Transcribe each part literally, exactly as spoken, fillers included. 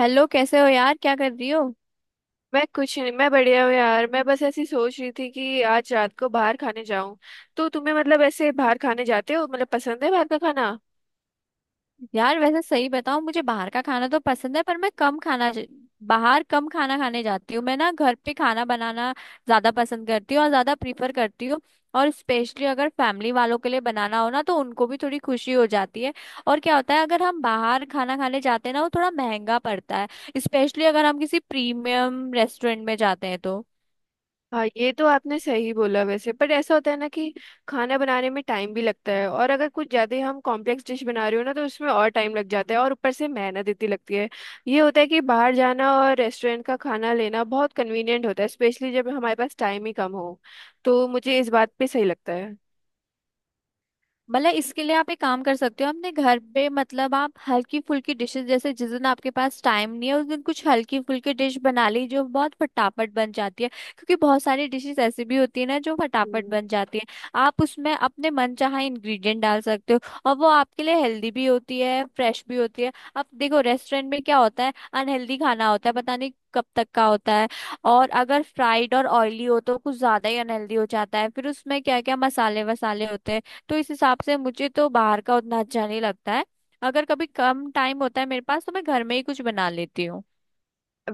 Hello, कैसे हो यार? क्या कर रही हो? मैं कुछ नहीं, मैं बढ़िया हूँ यार। मैं बस ऐसी सोच रही थी कि आज रात को बाहर खाने जाऊं। तो तुम्हें मतलब ऐसे बाहर खाने जाते हो, मतलब पसंद है बाहर का खाना? यार वैसे सही बताऊं, मुझे बाहर का खाना तो पसंद है पर मैं कम खाना बाहर कम खाना खाने जाती हूँ। मैं ना घर पे खाना बनाना ज्यादा पसंद करती हूँ और ज्यादा प्रीफर करती हूँ। और स्पेशली अगर फैमिली वालों के लिए बनाना हो ना तो उनको भी थोड़ी खुशी हो जाती है। और क्या होता है, अगर हम बाहर खाना खाने जाते हैं ना, वो थोड़ा महंगा पड़ता है, स्पेशली अगर हम किसी प्रीमियम रेस्टोरेंट में जाते हैं तो। हाँ, ये तो आपने सही बोला वैसे। पर ऐसा होता है ना कि खाना बनाने में टाइम भी लगता है, और अगर कुछ ज़्यादा ही हम कॉम्प्लेक्स डिश बना रहे हो ना तो उसमें और टाइम लग जाता है, और ऊपर से मेहनत इतनी लगती है। ये होता है कि बाहर जाना और रेस्टोरेंट का खाना लेना बहुत कन्वीनियंट होता है, स्पेशली जब हमारे पास टाइम ही कम हो। तो मुझे इस बात पे सही लगता है। मतलब इसके लिए आप एक काम कर सकते हो, अपने घर पे मतलब आप हल्की फुल्की डिशेस, जैसे जिस दिन आपके पास टाइम नहीं है उस दिन कुछ हल्की फुल्की डिश बना ली जो बहुत फटाफट बन जाती है। क्योंकि बहुत सारी डिशेस ऐसी भी होती है ना जो फटाफट हम्म। बन जाती है। आप उसमें अपने मनचाहा इंग्रेडिएंट डाल सकते हो और वो आपके लिए हेल्दी भी होती है, फ्रेश भी होती है। अब देखो रेस्टोरेंट में क्या होता है, अनहेल्दी खाना होता है, पता नहीं कब तक का होता है। और अगर फ्राइड और ऑयली हो तो कुछ ज्यादा ही अनहेल्दी हो जाता है, फिर उसमें क्या क्या मसाले वसाले होते हैं। तो इस हिसाब से मुझे तो बाहर का उतना अच्छा नहीं लगता है। अगर कभी कम टाइम होता है मेरे पास तो मैं घर में ही कुछ बना लेती हूँ।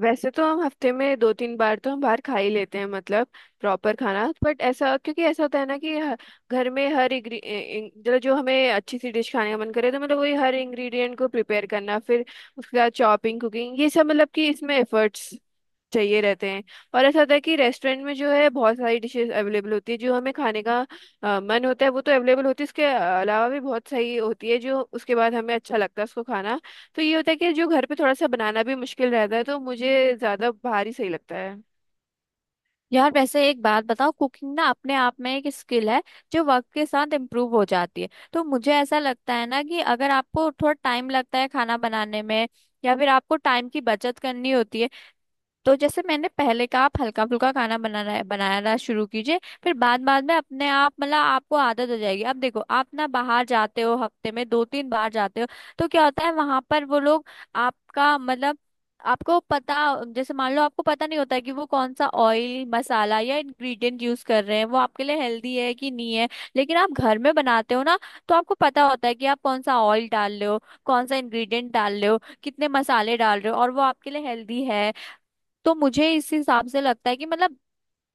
वैसे तो हम हफ्ते में दो तीन बार तो हम बाहर खा ही लेते हैं, मतलब प्रॉपर खाना। बट ऐसा, क्योंकि ऐसा होता है ना कि ह- घर में हर इंग्री इं- मतलब जो हमें अच्छी सी डिश खाने का मन करे तो मतलब वही हर इंग्रेडिएंट को प्रिपेयर करना, फिर उसके बाद चॉपिंग, कुकिंग, ये सब, मतलब कि इसमें एफर्ट्स चाहिए रहते हैं। और ऐसा होता है कि रेस्टोरेंट में जो है बहुत सारी डिशेस अवेलेबल होती है, जो हमें खाने का अ, मन होता है वो तो अवेलेबल होती है, उसके अलावा भी बहुत सही होती है जो उसके बाद हमें अच्छा लगता है उसको खाना। तो ये होता है कि जो घर पे थोड़ा सा बनाना भी मुश्किल रहता है, तो मुझे ज़्यादा बाहर ही सही लगता है। यार वैसे एक बात बताओ, कुकिंग ना अपने आप में एक स्किल है जो वक्त के साथ इम्प्रूव हो जाती है। तो मुझे ऐसा लगता है ना कि अगर आपको थोड़ा टाइम लगता है खाना बनाने में या फिर आपको टाइम की बचत करनी होती है, तो जैसे मैंने पहले कहा, आप हल्का फुल्का खाना बनाना बनाना शुरू कीजिए। फिर बाद बाद में अपने आप मतलब आपको आदत हो जाएगी। अब देखो आप ना बाहर जाते हो, हफ्ते में दो तीन बार जाते हो। तो क्या होता है वहां पर वो लोग आपका मतलब आपको पता, जैसे मान लो आपको पता नहीं होता है कि वो कौन सा ऑयल, मसाला या इंग्रेडिएंट यूज कर रहे हैं, वो आपके लिए हेल्दी है कि नहीं है। लेकिन आप घर में बनाते हो ना तो आपको पता होता है कि आप कौन सा ऑयल डाल रहे हो, कौन सा इंग्रेडिएंट डाल रहे हो, कितने मसाले डाल रहे हो और वो आपके लिए हेल्दी है। तो मुझे इस हिसाब से लगता है कि मतलब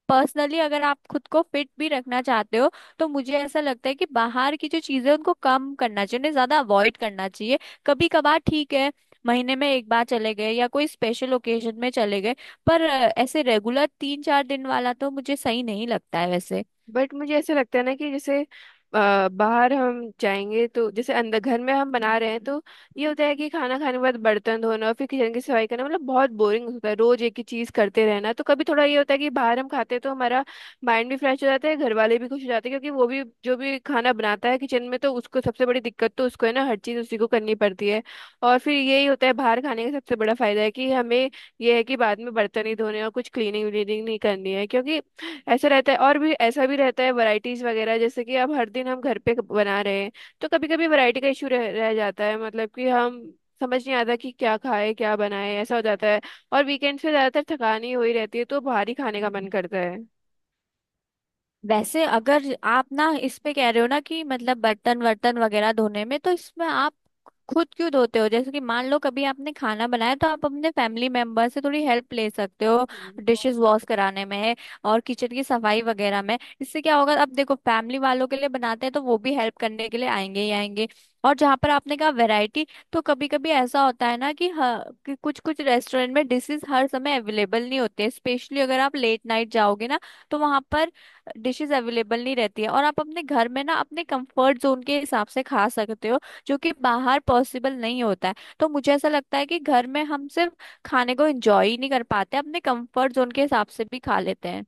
पर्सनली अगर आप खुद को फिट भी रखना चाहते हो तो मुझे ऐसा लगता है कि बाहर की जो चीजें हैं, उनको कम करना चाहिए, उन्हें ज्यादा अवॉइड करना चाहिए। कभी कभार ठीक है, महीने में एक बार चले गए या कोई स्पेशल ओकेजन में चले गए, पर अ, ऐसे रेगुलर तीन चार दिन वाला तो मुझे सही नहीं लगता है वैसे। बट मुझे ऐसा लगता है ना कि जैसे अ, बाहर हम जाएंगे तो जैसे अंदर घर में हम बना रहे हैं, तो ये होता है कि खाना खाने के बाद बर्तन धोना और फिर किचन की सफाई करना, मतलब बहुत बोरिंग होता है रोज एक ही चीज करते रहना। तो कभी थोड़ा ये होता है कि बाहर हम खाते हैं तो हमारा माइंड भी फ्रेश हो जाता है, घर वाले भी खुश हो जाते हैं, क्योंकि वो भी जो भी खाना बनाता है किचन में, तो उसको सबसे बड़ी दिक्कत तो उसको है ना, हर चीज उसी को करनी पड़ती है। और फिर यही होता है बाहर खाने का सबसे बड़ा फायदा है कि हमें ये है कि बाद में बर्तन नहीं धोने और कुछ क्लीनिंग व्लीनिंग नहीं करनी है। क्योंकि ऐसा रहता है, और भी ऐसा भी रहता है वैरायटीज वगैरह, जैसे कि अब हर दिन हम घर पे बना रहे हैं तो कभी कभी वैरायटी का इशू रह, रह जाता है, मतलब कि हम समझ नहीं आता कि क्या खाए क्या बनाए, ऐसा हो जाता है। और वीकेंड्स पे ज्यादातर थकान ही हुई रहती है तो बाहर ही खाने का मन करता है। वैसे अगर आप ना इस पे कह रहे हो ना कि मतलब बर्तन वर्तन वगैरह धोने में, तो इसमें आप खुद क्यों धोते हो? जैसे कि मान लो कभी आपने खाना बनाया तो आप अपने फैमिली मेंबर से थोड़ी हेल्प ले सकते हो, हम्म। डिशेस वॉश कराने में और किचन की सफाई वगैरह में। इससे क्या होगा, अब देखो फैमिली वालों के लिए बनाते हैं तो वो भी हेल्प करने के लिए आएंगे ही आएंगे। और जहाँ पर आपने कहा वैरायटी, तो कभी कभी ऐसा होता है ना कि, ह- कि कुछ कुछ रेस्टोरेंट में डिशेस हर समय अवेलेबल नहीं होते, स्पेशली अगर आप लेट नाइट जाओगे ना तो वहां पर डिशेस अवेलेबल नहीं रहती है। और आप अपने घर में ना अपने कंफर्ट जोन के हिसाब से खा सकते हो जो कि बाहर पॉसिबल नहीं होता है। तो मुझे ऐसा लगता है कि घर में हम सिर्फ खाने को एंजॉय ही नहीं कर पाते, अपने कंफर्ट जोन के हिसाब से भी खा लेते हैं।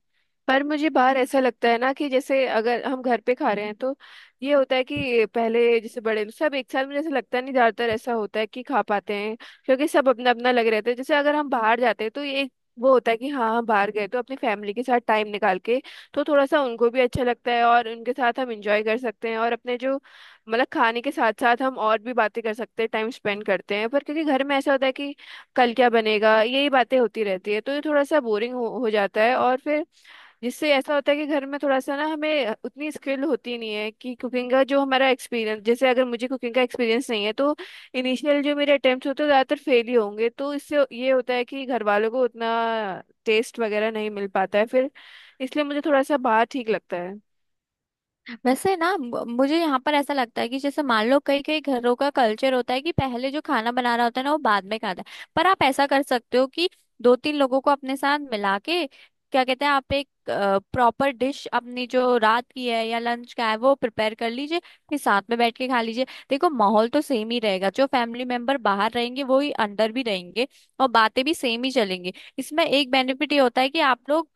पर मुझे बाहर ऐसा लगता है ना कि जैसे अगर हम घर पे खा रहे हैं तो ये होता है कि पहले जैसे बड़े सब एक साथ, मुझे ऐसा लगता नहीं, ज्यादातर ऐसा होता है कि खा पाते हैं क्योंकि सब अपना अपना लग रहते हैं। जैसे अगर हम बाहर जाते हैं तो ये एक वो होता है कि हाँ हम बाहर गए तो अपनी फैमिली के साथ टाइम निकाल के, तो थोड़ा सा उनको भी अच्छा लगता है और उनके साथ हम इंजॉय कर सकते हैं, और अपने जो, मतलब खाने के साथ साथ हम और भी बातें कर सकते हैं, टाइम स्पेंड करते हैं। पर क्योंकि घर में ऐसा होता है कि कल क्या बनेगा यही बातें होती रहती है, तो ये थोड़ा सा बोरिंग हो, हो जाता है। और फिर जिससे ऐसा होता है कि घर में थोड़ा सा ना हमें उतनी स्किल होती नहीं है, कि कुकिंग का जो हमारा एक्सपीरियंस, जैसे अगर मुझे कुकिंग का एक्सपीरियंस नहीं है तो इनिशियल जो मेरे अटेम्प्ट होते हैं ज़्यादातर फेल ही होंगे, तो इससे ये होता है कि घर वालों को उतना टेस्ट वगैरह नहीं मिल पाता है फिर। इसलिए मुझे थोड़ा सा बाहर ठीक लगता है। वैसे ना म- मुझे यहाँ पर ऐसा लगता है कि जैसे मान लो कई कई घरों का कल्चर होता है कि पहले जो खाना बना रहा होता है ना वो बाद में खाता है। पर आप ऐसा कर सकते हो कि दो तीन लोगों को अपने साथ मिला के, क्या कहते हैं, आप एक प्रॉपर डिश अपनी, जो रात की है या लंच का है, वो प्रिपेयर कर लीजिए। फिर साथ में बैठ के खा लीजिए। देखो माहौल तो सेम ही रहेगा, जो फैमिली मेंबर बाहर रहेंगे वो ही अंदर भी रहेंगे, और बातें भी सेम ही चलेंगी। इसमें एक बेनिफिट ये होता है कि आप लोग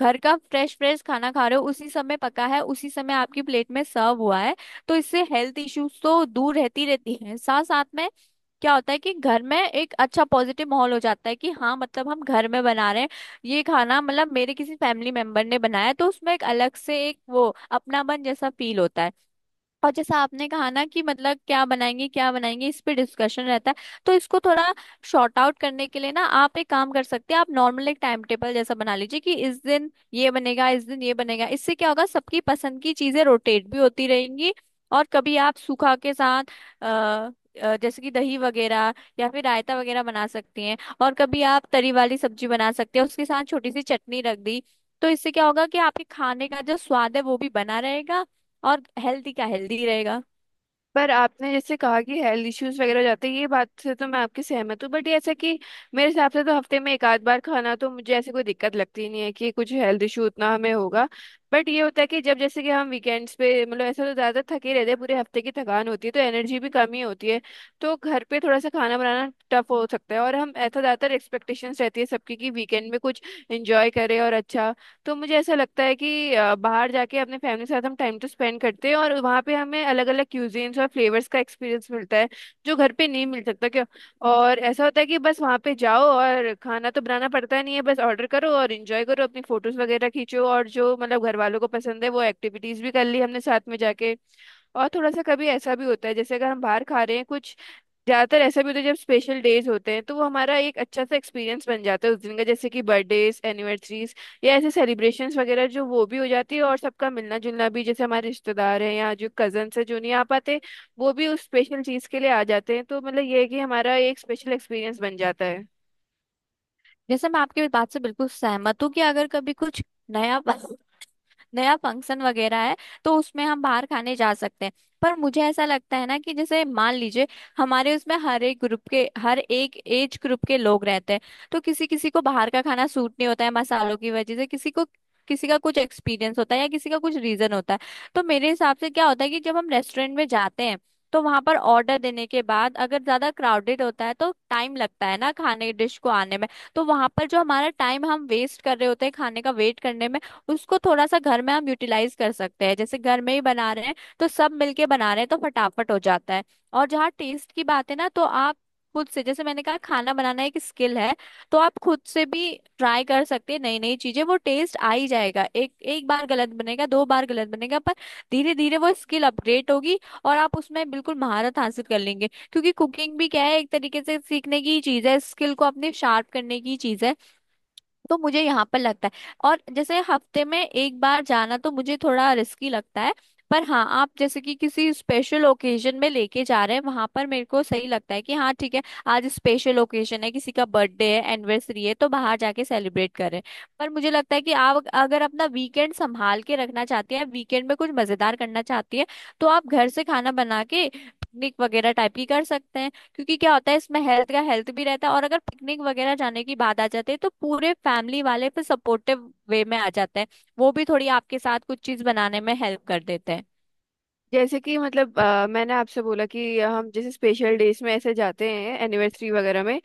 घर का फ्रेश फ्रेश खाना खा रहे हो, उसी समय पका है, उसी समय आपकी प्लेट में सर्व हुआ है। तो इससे हेल्थ इश्यूज तो दूर रहती रहती हैं, साथ साथ में क्या होता है कि घर में एक अच्छा पॉजिटिव माहौल हो जाता है कि हाँ मतलब हम घर में बना रहे हैं, ये खाना मतलब मेरे किसी फैमिली मेंबर ने बनाया है, तो उसमें एक अलग से एक वो अपनापन जैसा फील होता है। और जैसा आपने कहा ना कि मतलब क्या बनाएंगे क्या बनाएंगे, इस पे डिस्कशन रहता है, तो इसको थोड़ा शॉर्ट आउट करने के लिए ना आप एक काम कर सकते हैं, आप नॉर्मल एक टाइम टेबल जैसा बना लीजिए कि इस दिन ये बनेगा इस दिन ये बनेगा। इससे क्या होगा, सबकी पसंद की चीजें रोटेट भी होती रहेंगी। और कभी आप सूखा के साथ, अ, अ, जैसे कि दही वगैरह या फिर रायता वगैरह बना सकती हैं, और कभी आप तरी वाली सब्जी बना सकते हैं, उसके साथ छोटी सी चटनी रख दी। तो इससे क्या होगा कि आपके खाने का जो स्वाद है वो भी बना रहेगा, और हेल्दी का हेल्दी रहेगा। पर आपने जैसे कहा कि हेल्थ इश्यूज वगैरह हो जाते हैं, ये बात से तो मैं आपकी सहमत हूँ, बट ये ऐसा कि मेरे हिसाब से तो हफ्ते में एक आध बार खाना, तो मुझे ऐसी कोई दिक्कत लगती ही नहीं है कि कुछ हेल्थ इशू उतना हमें होगा। बट ये होता है कि जब जैसे कि हम वीकेंड्स पे, मतलब ऐसा तो ज़्यादा थके रहते हैं, पूरे हफ्ते की थकान होती है तो एनर्जी भी कम ही होती है। तो घर पे थोड़ा सा खाना बनाना टफ हो सकता है, और हम ऐसा ज़्यादातर एक्सपेक्टेशंस रहती है सबकी कि वीकेंड में कुछ इंजॉय करें और अच्छा। तो मुझे ऐसा लगता है कि अ, बाहर जाके अपने फैमिली के साथ हम टाइम तो स्पेंड करते हैं, और वहाँ पे हमें अलग अलग क्यूजीन्स और फ्लेवर्स का एक्सपीरियंस मिलता है जो घर पे नहीं मिल सकता क्यों। और ऐसा होता है कि बस वहाँ पे जाओ और खाना तो बनाना पड़ता नहीं है, बस ऑर्डर करो और इंजॉय करो, अपनी फोटोज वगैरह खींचो, और जो मतलब घर वालों को पसंद है वो एक्टिविटीज भी कर ली हमने साथ में जाके। और थोड़ा सा कभी ऐसा भी होता है जैसे अगर हम बाहर खा रहे हैं कुछ, ज्यादातर ऐसा भी होता है जब स्पेशल डेज होते हैं, तो वो हमारा एक अच्छा सा एक्सपीरियंस बन जाता है उस दिन का, जैसे कि बर्थडेज, एनिवर्सरीज, या ऐसे सेलिब्रेशंस वगैरह, जो वो भी हो जाती है, और सबका मिलना जुलना भी, जैसे हमारे रिश्तेदार हैं या जो कजन्स हैं जो नहीं आ पाते वो भी उस स्पेशल चीज के लिए आ जाते हैं। तो मतलब ये है कि हमारा एक स्पेशल एक्सपीरियंस बन जाता है। जैसे मैं आपकी बात से बिल्कुल सहमत हूँ कि अगर कभी कुछ नया नया फंक्शन वगैरह है तो उसमें हम बाहर खाने जा सकते हैं। पर मुझे ऐसा लगता है ना कि जैसे मान लीजिए हमारे उसमें हर एक ग्रुप के, हर एक एज ग्रुप के लोग रहते हैं, तो किसी किसी को बाहर का खाना सूट नहीं होता है मसालों की वजह से, किसी को किसी का कुछ एक्सपीरियंस होता है, या किसी का कुछ रीजन होता है। तो मेरे हिसाब से क्या होता है कि जब हम रेस्टोरेंट में जाते हैं तो वहां पर ऑर्डर देने के बाद अगर ज्यादा क्राउडेड होता है तो टाइम लगता है ना खाने डिश को आने में। तो वहां पर जो हमारा टाइम हम वेस्ट कर रहे होते हैं खाने का वेट करने में, उसको थोड़ा सा घर में हम यूटिलाइज कर सकते हैं। जैसे घर में ही बना रहे हैं तो सब मिलके बना रहे हैं तो फटाफट हो जाता है। और जहाँ टेस्ट की बात है ना, तो आप खुद से, जैसे मैंने कहा खाना बनाना एक स्किल है, तो आप खुद से भी ट्राई कर सकते हैं नई नई चीजें। वो टेस्ट आ ही जाएगा, एक एक बार गलत बनेगा, दो बार गलत बनेगा, पर धीरे धीरे वो स्किल अपग्रेड होगी और आप उसमें बिल्कुल महारत हासिल कर लेंगे। क्योंकि कुकिंग भी क्या है, एक तरीके से सीखने की ही चीज है, स्किल को अपने शार्प करने की चीज है। तो मुझे यहाँ पर लगता है, और जैसे हफ्ते में एक बार जाना तो मुझे थोड़ा रिस्की लगता है। पर हाँ, आप जैसे कि किसी स्पेशल ओकेजन में लेके जा रहे हैं, वहां पर मेरे को सही लगता है कि हाँ ठीक है, आज स्पेशल ओकेजन है, किसी का बर्थडे है, एनिवर्सरी है, तो बाहर जाके सेलिब्रेट करें। पर मुझे लगता है कि आप अगर अपना वीकेंड संभाल के रखना चाहती हैं, वीकेंड में कुछ मजेदार करना चाहती है, तो आप घर से खाना बना के पिकनिक वगैरह टाइप की कर सकते हैं। क्योंकि क्या होता है, इसमें हेल्थ का हेल्थ भी रहता है, और अगर पिकनिक वगैरह जाने की बात आ जाती है तो पूरे फैमिली वाले फिर सपोर्टिव वे में आ जाते हैं, वो भी थोड़ी आपके साथ कुछ चीज बनाने में हेल्प कर देते हैं। जैसे कि मतलब अ, मैंने आपसे बोला कि हम जैसे स्पेशल डेज में ऐसे जाते हैं एनिवर्सरी वगैरह में,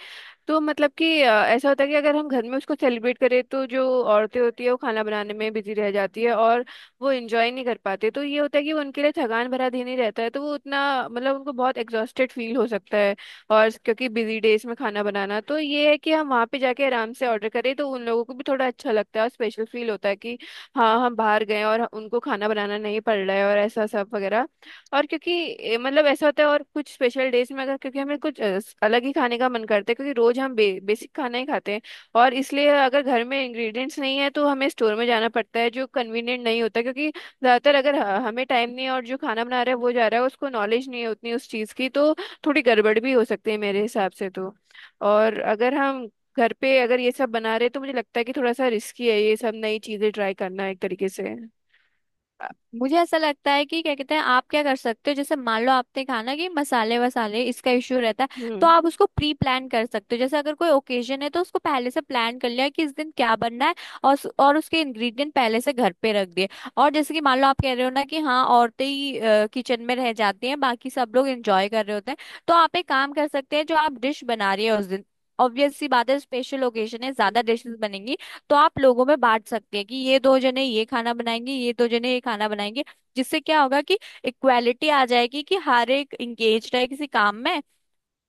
तो मतलब कि अ, ऐसा होता है कि अगर हम घर में उसको सेलिब्रेट करें तो जो औरतें होती है वो खाना बनाने में बिजी रह जाती है, और वो एंजॉय नहीं कर पाते। तो ये होता है कि वो उनके लिए थकान भरा दिन ही रहता है, तो वो उतना मतलब उनको बहुत एग्जॉस्टेड फील हो सकता है। और क्योंकि बिजी डेज में खाना बनाना, तो ये है कि हम वहाँ पे जाके आराम से ऑर्डर करें, तो उन लोगों को भी थोड़ा अच्छा लगता है और स्पेशल फील होता है कि हाँ हम बाहर गए और उनको खाना बनाना नहीं पड़ रहा है, और ऐसा सब वगैरह। और क्योंकि ए, मतलब ऐसा होता है, और कुछ स्पेशल डेज में अगर क्योंकि हमें कुछ अ, स- अलग ही खाने का मन करता है क्योंकि रोज हम बे, बेसिक खाना ही खाते हैं। और इसलिए अगर घर में इंग्रेडिएंट्स नहीं है तो हमें स्टोर में जाना पड़ता है, जो कन्वीनियंट नहीं होता, क्योंकि ज़्यादातर अगर ह- हमें टाइम नहीं है और जो खाना बना रहा है वो जा रहा है उसको नॉलेज नहीं है उतनी उस चीज़ की, तो थोड़ी गड़बड़ भी हो सकती है मेरे हिसाब से तो। और अगर हम घर पे अगर ये सब बना रहे तो मुझे लगता है कि थोड़ा सा रिस्की है ये सब नई चीज़ें ट्राई करना एक तरीके से। अ, मुझे ऐसा लगता है कि क्या कहते हैं, आप क्या कर सकते हो, जैसे मान लो आपने कहा ना कि मसाले वसाले इसका इश्यू रहता है, हम्म। तो आप उसको प्री प्लान कर सकते हो। जैसे अगर कोई ओकेजन है तो उसको पहले से प्लान कर लिया कि इस दिन क्या बनना है, और उस- और उसके इंग्रेडिएंट पहले से घर पे रख दिए। और जैसे कि मान लो आप कह रहे हो ना कि हाँ औरतें ही किचन में रह जाती हैं, बाकी सब लोग एंजॉय कर रहे होते हैं, तो आप एक काम कर सकते हैं, जो आप डिश बना रही है उस दिन ऑब्वियस सी बात है स्पेशल ओकेजन है ज्यादा डिशेस बनेंगी, तो आप लोगों में बांट सकते हैं कि ये दो जने ये खाना बनाएंगे, ये दो जने ये खाना बनाएंगे। जिससे क्या होगा कि इक्वालिटी आ जाएगी कि हर एक इंगेज है किसी काम में,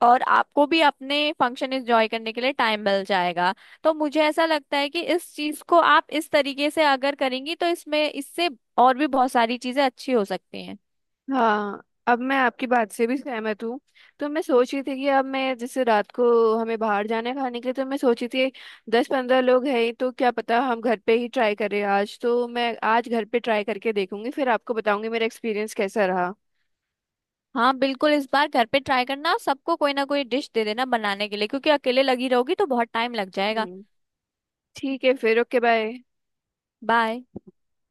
और आपको भी अपने फंक्शन एंजॉय करने के लिए टाइम मिल जाएगा। तो मुझे ऐसा लगता है कि इस चीज को आप इस तरीके से अगर करेंगी तो इसमें, इससे और भी बहुत सारी चीजें अच्छी हो सकती हैं। हाँ, अब मैं आपकी बात से भी सहमत हूँ। तो मैं सोच रही थी कि अब मैं जैसे रात को हमें बाहर जाने खाने के लिए, तो मैं सोची थी दस पंद्रह लोग हैं ही, तो क्या पता हम घर पे ही ट्राई करें आज। तो मैं आज घर पे ट्राई करके देखूंगी फिर आपको बताऊंगी मेरा एक्सपीरियंस कैसा रहा। हाँ बिल्कुल, इस बार घर पे ट्राई करना और सबको कोई ना कोई डिश दे देना बनाने के लिए, क्योंकि अकेले लगी रहोगी तो बहुत टाइम लग जाएगा। हम्म। ठीक है फिर। Okay, bye. बाय।